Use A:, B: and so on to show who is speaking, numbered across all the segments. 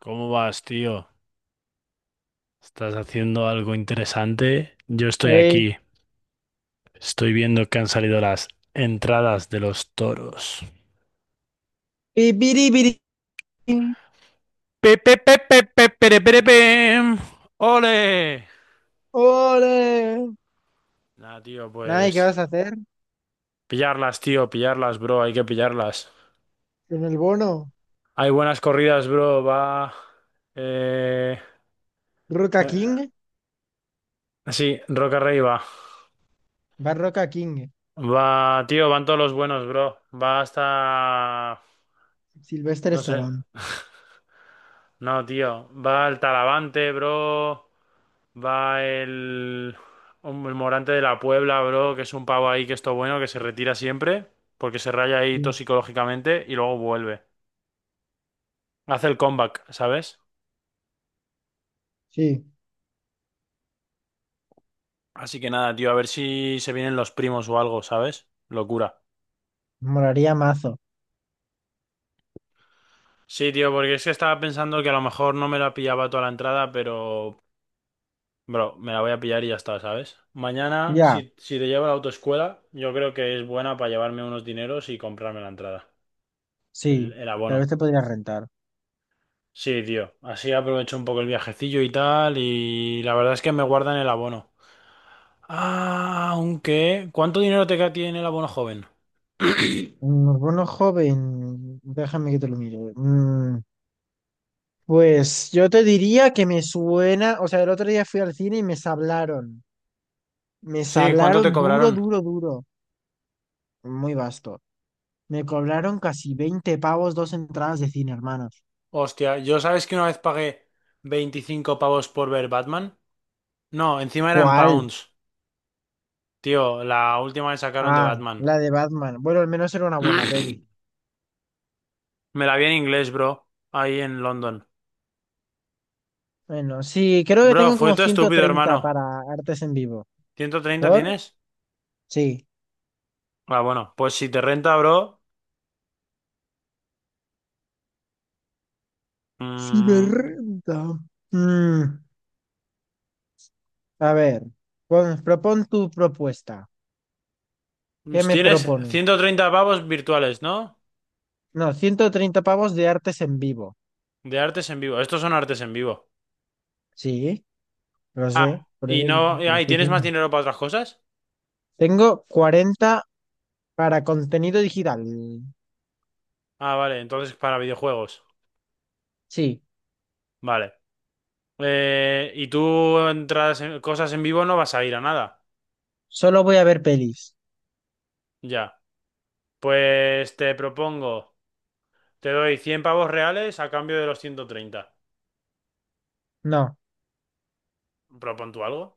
A: ¿Cómo vas, tío? ¿Estás haciendo algo interesante? Yo estoy
B: Ey,
A: aquí. Estoy viendo que han salido las entradas de los toros.
B: pipiripiri,
A: ¡Pe, pe, pe, pe, pe, pere, pere, pem! ¡Ole!
B: ¡Ole!
A: Nah, tío,
B: Nada, ¿y qué
A: pues.
B: vas a hacer
A: Pillarlas, tío, pillarlas, bro. Hay que pillarlas.
B: con el bono?
A: Hay buenas corridas, bro. Va. Eh.
B: ¿Roca
A: eh,
B: King?
A: sí, Roca Rey va.
B: Va Roca King.
A: Va, tío, van todos los buenos, bro. Va hasta.
B: Sylvester
A: No sé.
B: Stallone.
A: No, tío. Va el Talavante, bro. Va el Morante de la Puebla, bro, que es un pavo ahí que es todo bueno, que se retira siempre, porque se raya ahí todo
B: Sí,
A: psicológicamente y luego vuelve. Hace el comeback, ¿sabes?
B: sí,
A: Así que nada, tío, a ver si se vienen los primos o algo, ¿sabes? Locura.
B: moraría mazo.
A: Sí, tío, porque es que estaba pensando que a lo mejor no me la pillaba toda la entrada, pero bro, me la voy a pillar y ya está, ¿sabes? Mañana,
B: Ya,
A: si te llevo a la autoescuela, yo creo que es buena para llevarme unos dineros y comprarme la entrada, el,
B: sí,
A: el
B: tal vez
A: abono.
B: te podría rentar.
A: Sí, tío, así aprovecho un poco el viajecillo y tal, y la verdad es que me guardan el abono. Ah, aunque, ¿cuánto dinero te tiene el abono joven?
B: Un bono joven, déjame que te lo mire. Pues yo te diría que me suena, o sea, el otro día fui al cine y me sablaron. Me
A: Sí, ¿cuánto te
B: sablaron duro,
A: cobraron?
B: duro, duro. Muy vasto. Me cobraron casi 20 pavos dos entradas de cine, hermanos.
A: Hostia, yo sabes que una vez pagué 25 pavos por ver Batman. No, encima eran
B: ¿Cuál?
A: pounds. Tío, la última que sacaron de
B: Ah,
A: Batman.
B: la de Batman. Bueno, al menos era una buena peli.
A: Me la vi en inglés, bro. Ahí en London.
B: Bueno, sí, creo que
A: Bro,
B: tengo
A: fue
B: como
A: todo
B: ciento
A: estúpido,
B: treinta
A: hermano.
B: para artes en vivo.
A: ¿130
B: ¿Por?
A: tienes?
B: Sí.
A: Ah, bueno, pues si te renta, bro.
B: Sí me
A: mm,
B: renta. Mm, a ver, propon tu propuesta. ¿Qué me
A: tienes
B: propone?
A: 130 pavos virtuales, ¿no?
B: No, 130 pavos de artes en vivo.
A: De artes en vivo. Estos son artes en vivo.
B: Sí, lo
A: Ah,
B: sé, por eso
A: y no.
B: te lo
A: Ah, ¿y
B: estoy
A: tienes más
B: diciendo.
A: dinero para otras cosas?
B: Tengo 40 para contenido digital.
A: Ah, vale, entonces para videojuegos.
B: Sí.
A: Vale. Y tú entras en cosas en vivo, no vas a ir a nada.
B: Solo voy a ver pelis.
A: Ya. Pues te propongo. Te doy 100 pavos reales a cambio de los 130.
B: No,
A: ¿Propon tú algo?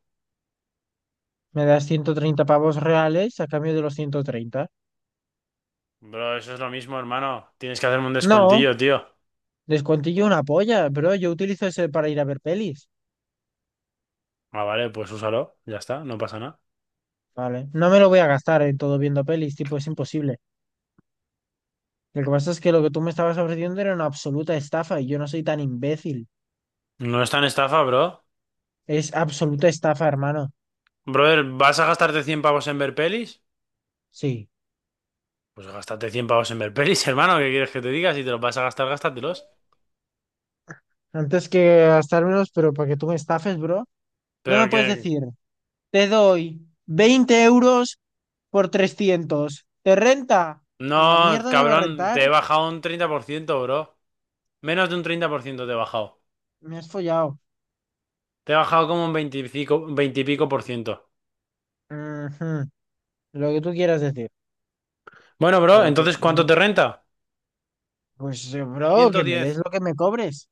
B: me das 130 pavos reales a cambio de los 130.
A: Bro, eso es lo mismo, hermano. Tienes que hacerme un
B: No,
A: descuentillo, tío.
B: descuentillo una polla, bro. Yo utilizo ese para ir a ver pelis.
A: Ah, vale, pues úsalo. Ya está, no pasa nada.
B: Vale, no me lo voy a gastar en todo viendo pelis, tipo, es imposible. Lo que pasa es que lo que tú me estabas ofreciendo era una absoluta estafa y yo no soy tan imbécil.
A: No es tan estafa, bro.
B: Es absoluta estafa, hermano.
A: Brother, ¿vas a gastarte 100 pavos en ver pelis?
B: Sí,
A: Pues gástate 100 pavos en ver pelis, hermano. ¿Qué quieres que te diga? Si te los vas a gastar, gástatelos.
B: antes que gastar menos, pero para que tú me estafes, bro, no me
A: Pero
B: puedes
A: que...
B: decir, te doy 20 euros por 300. ¿Te renta? Una
A: No,
B: mierda me va a
A: cabrón,
B: rentar.
A: te he bajado un 30%, bro. Menos de un 30% te he bajado.
B: Me has follado.
A: Te he bajado como un 20 y pico por ciento.
B: Ujú. Lo que tú quieras decir.
A: Bueno, bro,
B: Pero que,
A: entonces, ¿cuánto te
B: no.
A: renta?
B: Pues, bro, que
A: Ciento
B: me des
A: diez.
B: lo que me cobres.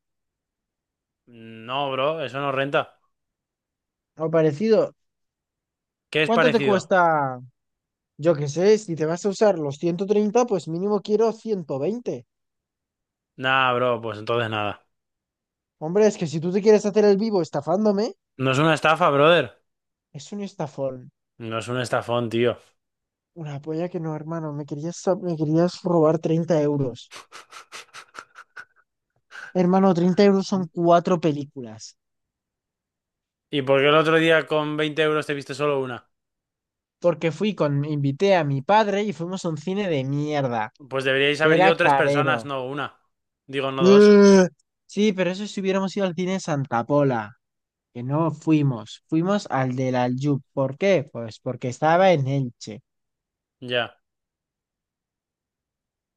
A: No, bro, eso no renta.
B: O parecido.
A: ¿Qué es
B: ¿Cuánto te
A: parecido?
B: cuesta? Yo qué sé, si te vas a usar los 130 pues mínimo quiero 120.
A: Nah, bro, pues entonces nada.
B: Hombre, es que si tú te quieres hacer el vivo estafándome,
A: No es una estafa, brother.
B: es un estafón.
A: No es un estafón, tío.
B: Una polla que no, hermano. Me querías robar 30 euros. Hermano, 30 euros son cuatro películas.
A: ¿Y por qué el otro día con 20 euros te viste solo una?
B: Porque invité a mi padre y fuimos a un cine de mierda,
A: Pues deberíais
B: que
A: haber
B: era
A: ido tres
B: carero.
A: personas, no una. Digo, no dos.
B: ¡Ugh! Sí, pero eso si hubiéramos ido al cine Santa Pola, que no fuimos, fuimos al del Aljub. ¿Por qué? Pues porque estaba en Elche,
A: Ya,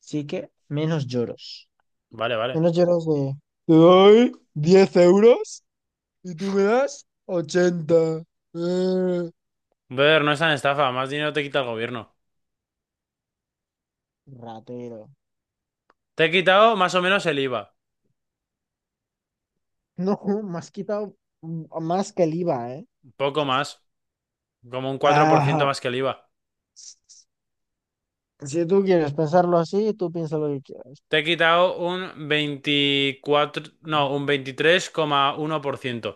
B: así que menos lloros.
A: vale, vale.
B: Menos lloros de... Te doy 10 euros y tú me das 80. ¡Ugh!
A: Brother, no es tan estafa, más dinero te quita el gobierno.
B: Ratero.
A: Te he quitado más o menos el IVA.
B: No, me has quitado más que el IVA, ¿eh?
A: Poco más, como un 4%
B: Ajá.
A: más que el IVA.
B: Si tú quieres pensarlo así, tú piensa lo que quieras.
A: Te he quitado un 24. No, un 23,1%.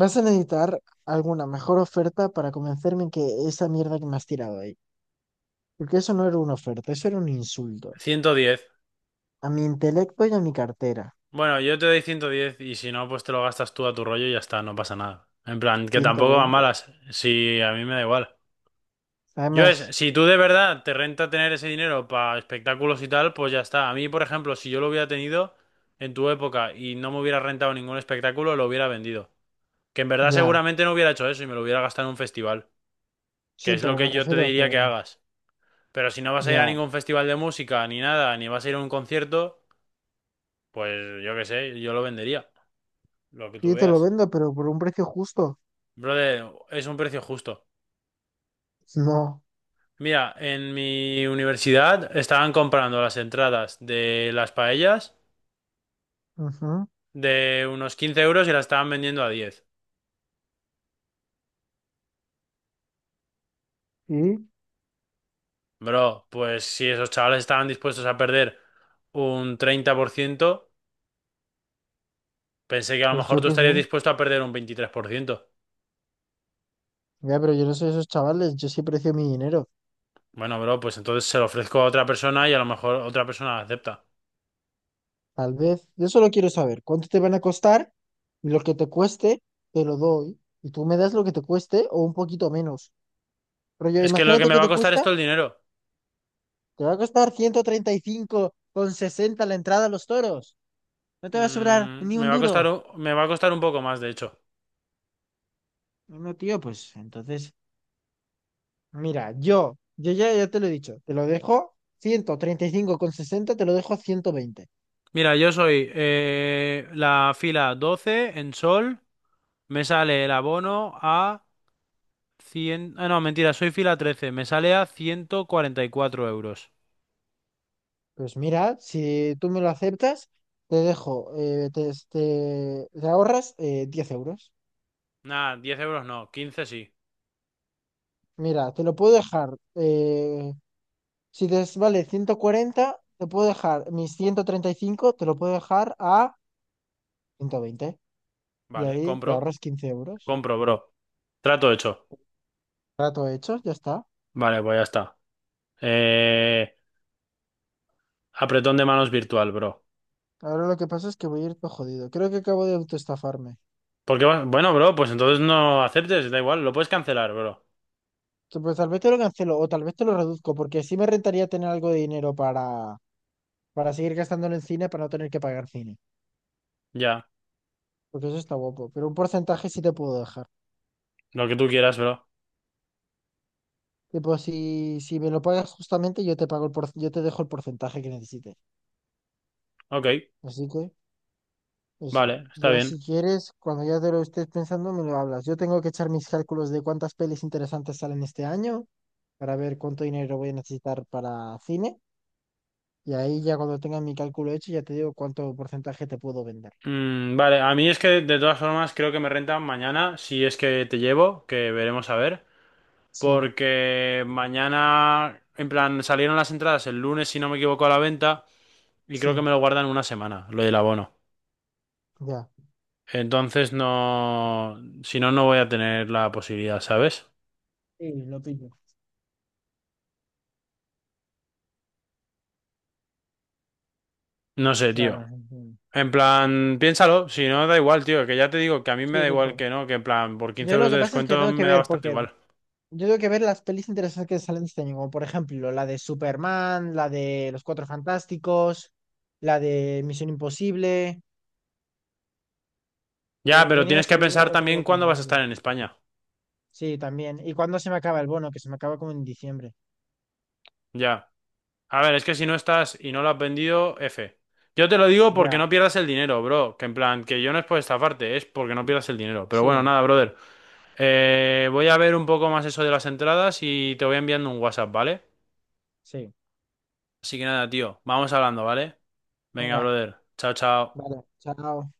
B: Vas a necesitar alguna mejor oferta para convencerme en que esa mierda que me has tirado ahí. Porque eso no era una oferta, eso era un insulto.
A: 110.
B: A mi intelecto y a mi cartera.
A: Bueno, yo te doy 110 y si no, pues te lo gastas tú a tu rollo y ya está, no pasa nada. En plan, que
B: ciento
A: tampoco van
B: veinte
A: malas, si a mí me da igual. Yo es,
B: Además,
A: si tú de verdad te renta tener ese dinero para espectáculos y tal, pues ya está. A mí, por ejemplo, si yo lo hubiera tenido en tu época y no me hubiera rentado ningún espectáculo, lo hubiera vendido. Que en verdad
B: ya.
A: seguramente no hubiera hecho eso y me lo hubiera gastado en un festival, que
B: Sí,
A: es lo
B: pero me
A: que yo te
B: refiero a que
A: diría que hagas. Pero si no vas a ir a
B: ya.
A: ningún festival de música, ni nada, ni vas a ir a un concierto, pues yo qué sé, yo lo vendería, lo que tú
B: Sí, te lo
A: veas.
B: vendo, pero por un precio justo.
A: Brother, es un precio justo.
B: No.
A: Mira, en mi universidad estaban comprando las entradas de las paellas
B: Ujú.
A: de unos 15 euros y las estaban vendiendo a 10.
B: Sí,
A: Bro, pues si esos chavales estaban dispuestos a perder un 30%, pensé que a lo
B: pues
A: mejor
B: yo
A: tú
B: qué sé.
A: estarías dispuesto a perder un 23%.
B: Ya, pero yo no soy esos chavales, yo sí precio mi dinero.
A: Bueno, bro, pues entonces se lo ofrezco a otra persona y a lo mejor otra persona acepta.
B: Tal vez, yo solo quiero saber cuánto te van a costar y lo que te cueste, te lo doy. Y tú me das lo que te cueste o un poquito menos. Pero yo,
A: Es que lo que
B: imagínate
A: me
B: que
A: va a
B: te
A: costar
B: cuesta,
A: esto el dinero.
B: te va a costar 135,60 la entrada a los toros. No te va a sobrar
A: Mm,
B: ni
A: me
B: un
A: va a costar,
B: duro.
A: me va a costar un poco más, de hecho.
B: No, tío, pues entonces, mira, yo ya te lo he dicho, te lo dejo 135,60, te lo dejo 120.
A: Mira, yo soy la fila 12 en sol, me sale el abono a 100. Ah, no, mentira, soy fila 13, me sale a 144 euros.
B: Pues mira, si tú me lo aceptas, te dejo, te ahorras 10 euros.
A: Nah, 10 euros no, 15 sí.
B: Mira, te lo puedo dejar, si te es- vale 140, te puedo dejar mis 135, te lo puedo dejar a 120. Y
A: Vale,
B: ahí te
A: compro,
B: ahorras 15 euros.
A: compro, bro. Trato hecho.
B: Trato hecho, ya está.
A: Vale, pues ya está. Eh, Apretón de manos virtual, bro.
B: Ahora lo que pasa es que voy a ir todo jodido. Creo que acabo de autoestafarme.
A: Porque, bueno, bro, pues entonces no aceptes, da igual, lo puedes cancelar, bro.
B: Pues tal vez te lo cancelo o tal vez te lo reduzco, porque sí me rentaría tener algo de dinero para, seguir gastándolo en cine, para no tener que pagar cine.
A: Ya,
B: Porque eso está guapo. Pero un porcentaje sí te puedo dejar.
A: lo que tú quieras, bro.
B: Tipo, si me lo pagas justamente, yo te pago yo te dejo el porcentaje que necesites.
A: Ok,
B: Así que eso,
A: vale, está
B: ya si
A: bien.
B: quieres, cuando ya te lo estés pensando, me lo hablas. Yo tengo que echar mis cálculos de cuántas pelis interesantes salen este año para ver cuánto dinero voy a necesitar para cine. Y ahí ya cuando tenga mi cálculo hecho, ya te digo cuánto porcentaje te puedo vender.
A: Vale, a mí es que de todas formas creo que me renta mañana, si es que te llevo, que veremos a ver,
B: Sí,
A: porque mañana, en plan, salieron las entradas el lunes, si no me equivoco, a la venta, y creo que
B: sí,
A: me lo guardan una semana, lo del abono.
B: ya.
A: Entonces no, si no, no voy a tener la posibilidad, ¿sabes?
B: Sí, lo pillo.
A: No sé, tío.
B: Claro. Entiendo.
A: En plan, piénsalo, si no, da igual, tío, que ya te digo que a mí me
B: Sí,
A: da igual
B: tipo.
A: que no, que en plan, por 15
B: Yo lo
A: euros
B: que
A: de
B: pasa es que
A: descuento
B: tengo que
A: me da
B: ver,
A: bastante
B: porque
A: igual.
B: yo tengo que ver las pelis interesantes que salen este año, como por ejemplo la de Superman, la de Los Cuatro Fantásticos, la de Misión Imposible.
A: Ya, pero
B: También iba a
A: tienes que
B: salir
A: pensar
B: otra
A: también
B: guapa en
A: cuándo vas a
B: mayo.
A: estar en España.
B: Sí, también. ¿Y cuándo se me acaba el bono? Que se me acaba como en diciembre.
A: Ya. A ver, es que si no estás y no lo has vendido, F. Yo te lo digo porque no
B: Ya,
A: pierdas el dinero, bro. Que en plan, que yo no es por estafarte, es porque no pierdas el dinero. Pero
B: sí,
A: bueno, nada, brother. Voy a ver un poco más eso de las entradas y te voy enviando un WhatsApp, ¿vale?
B: sí.
A: Así que nada, tío, vamos hablando, ¿vale? Venga,
B: Venga,
A: brother. Chao, chao.
B: vale, chao.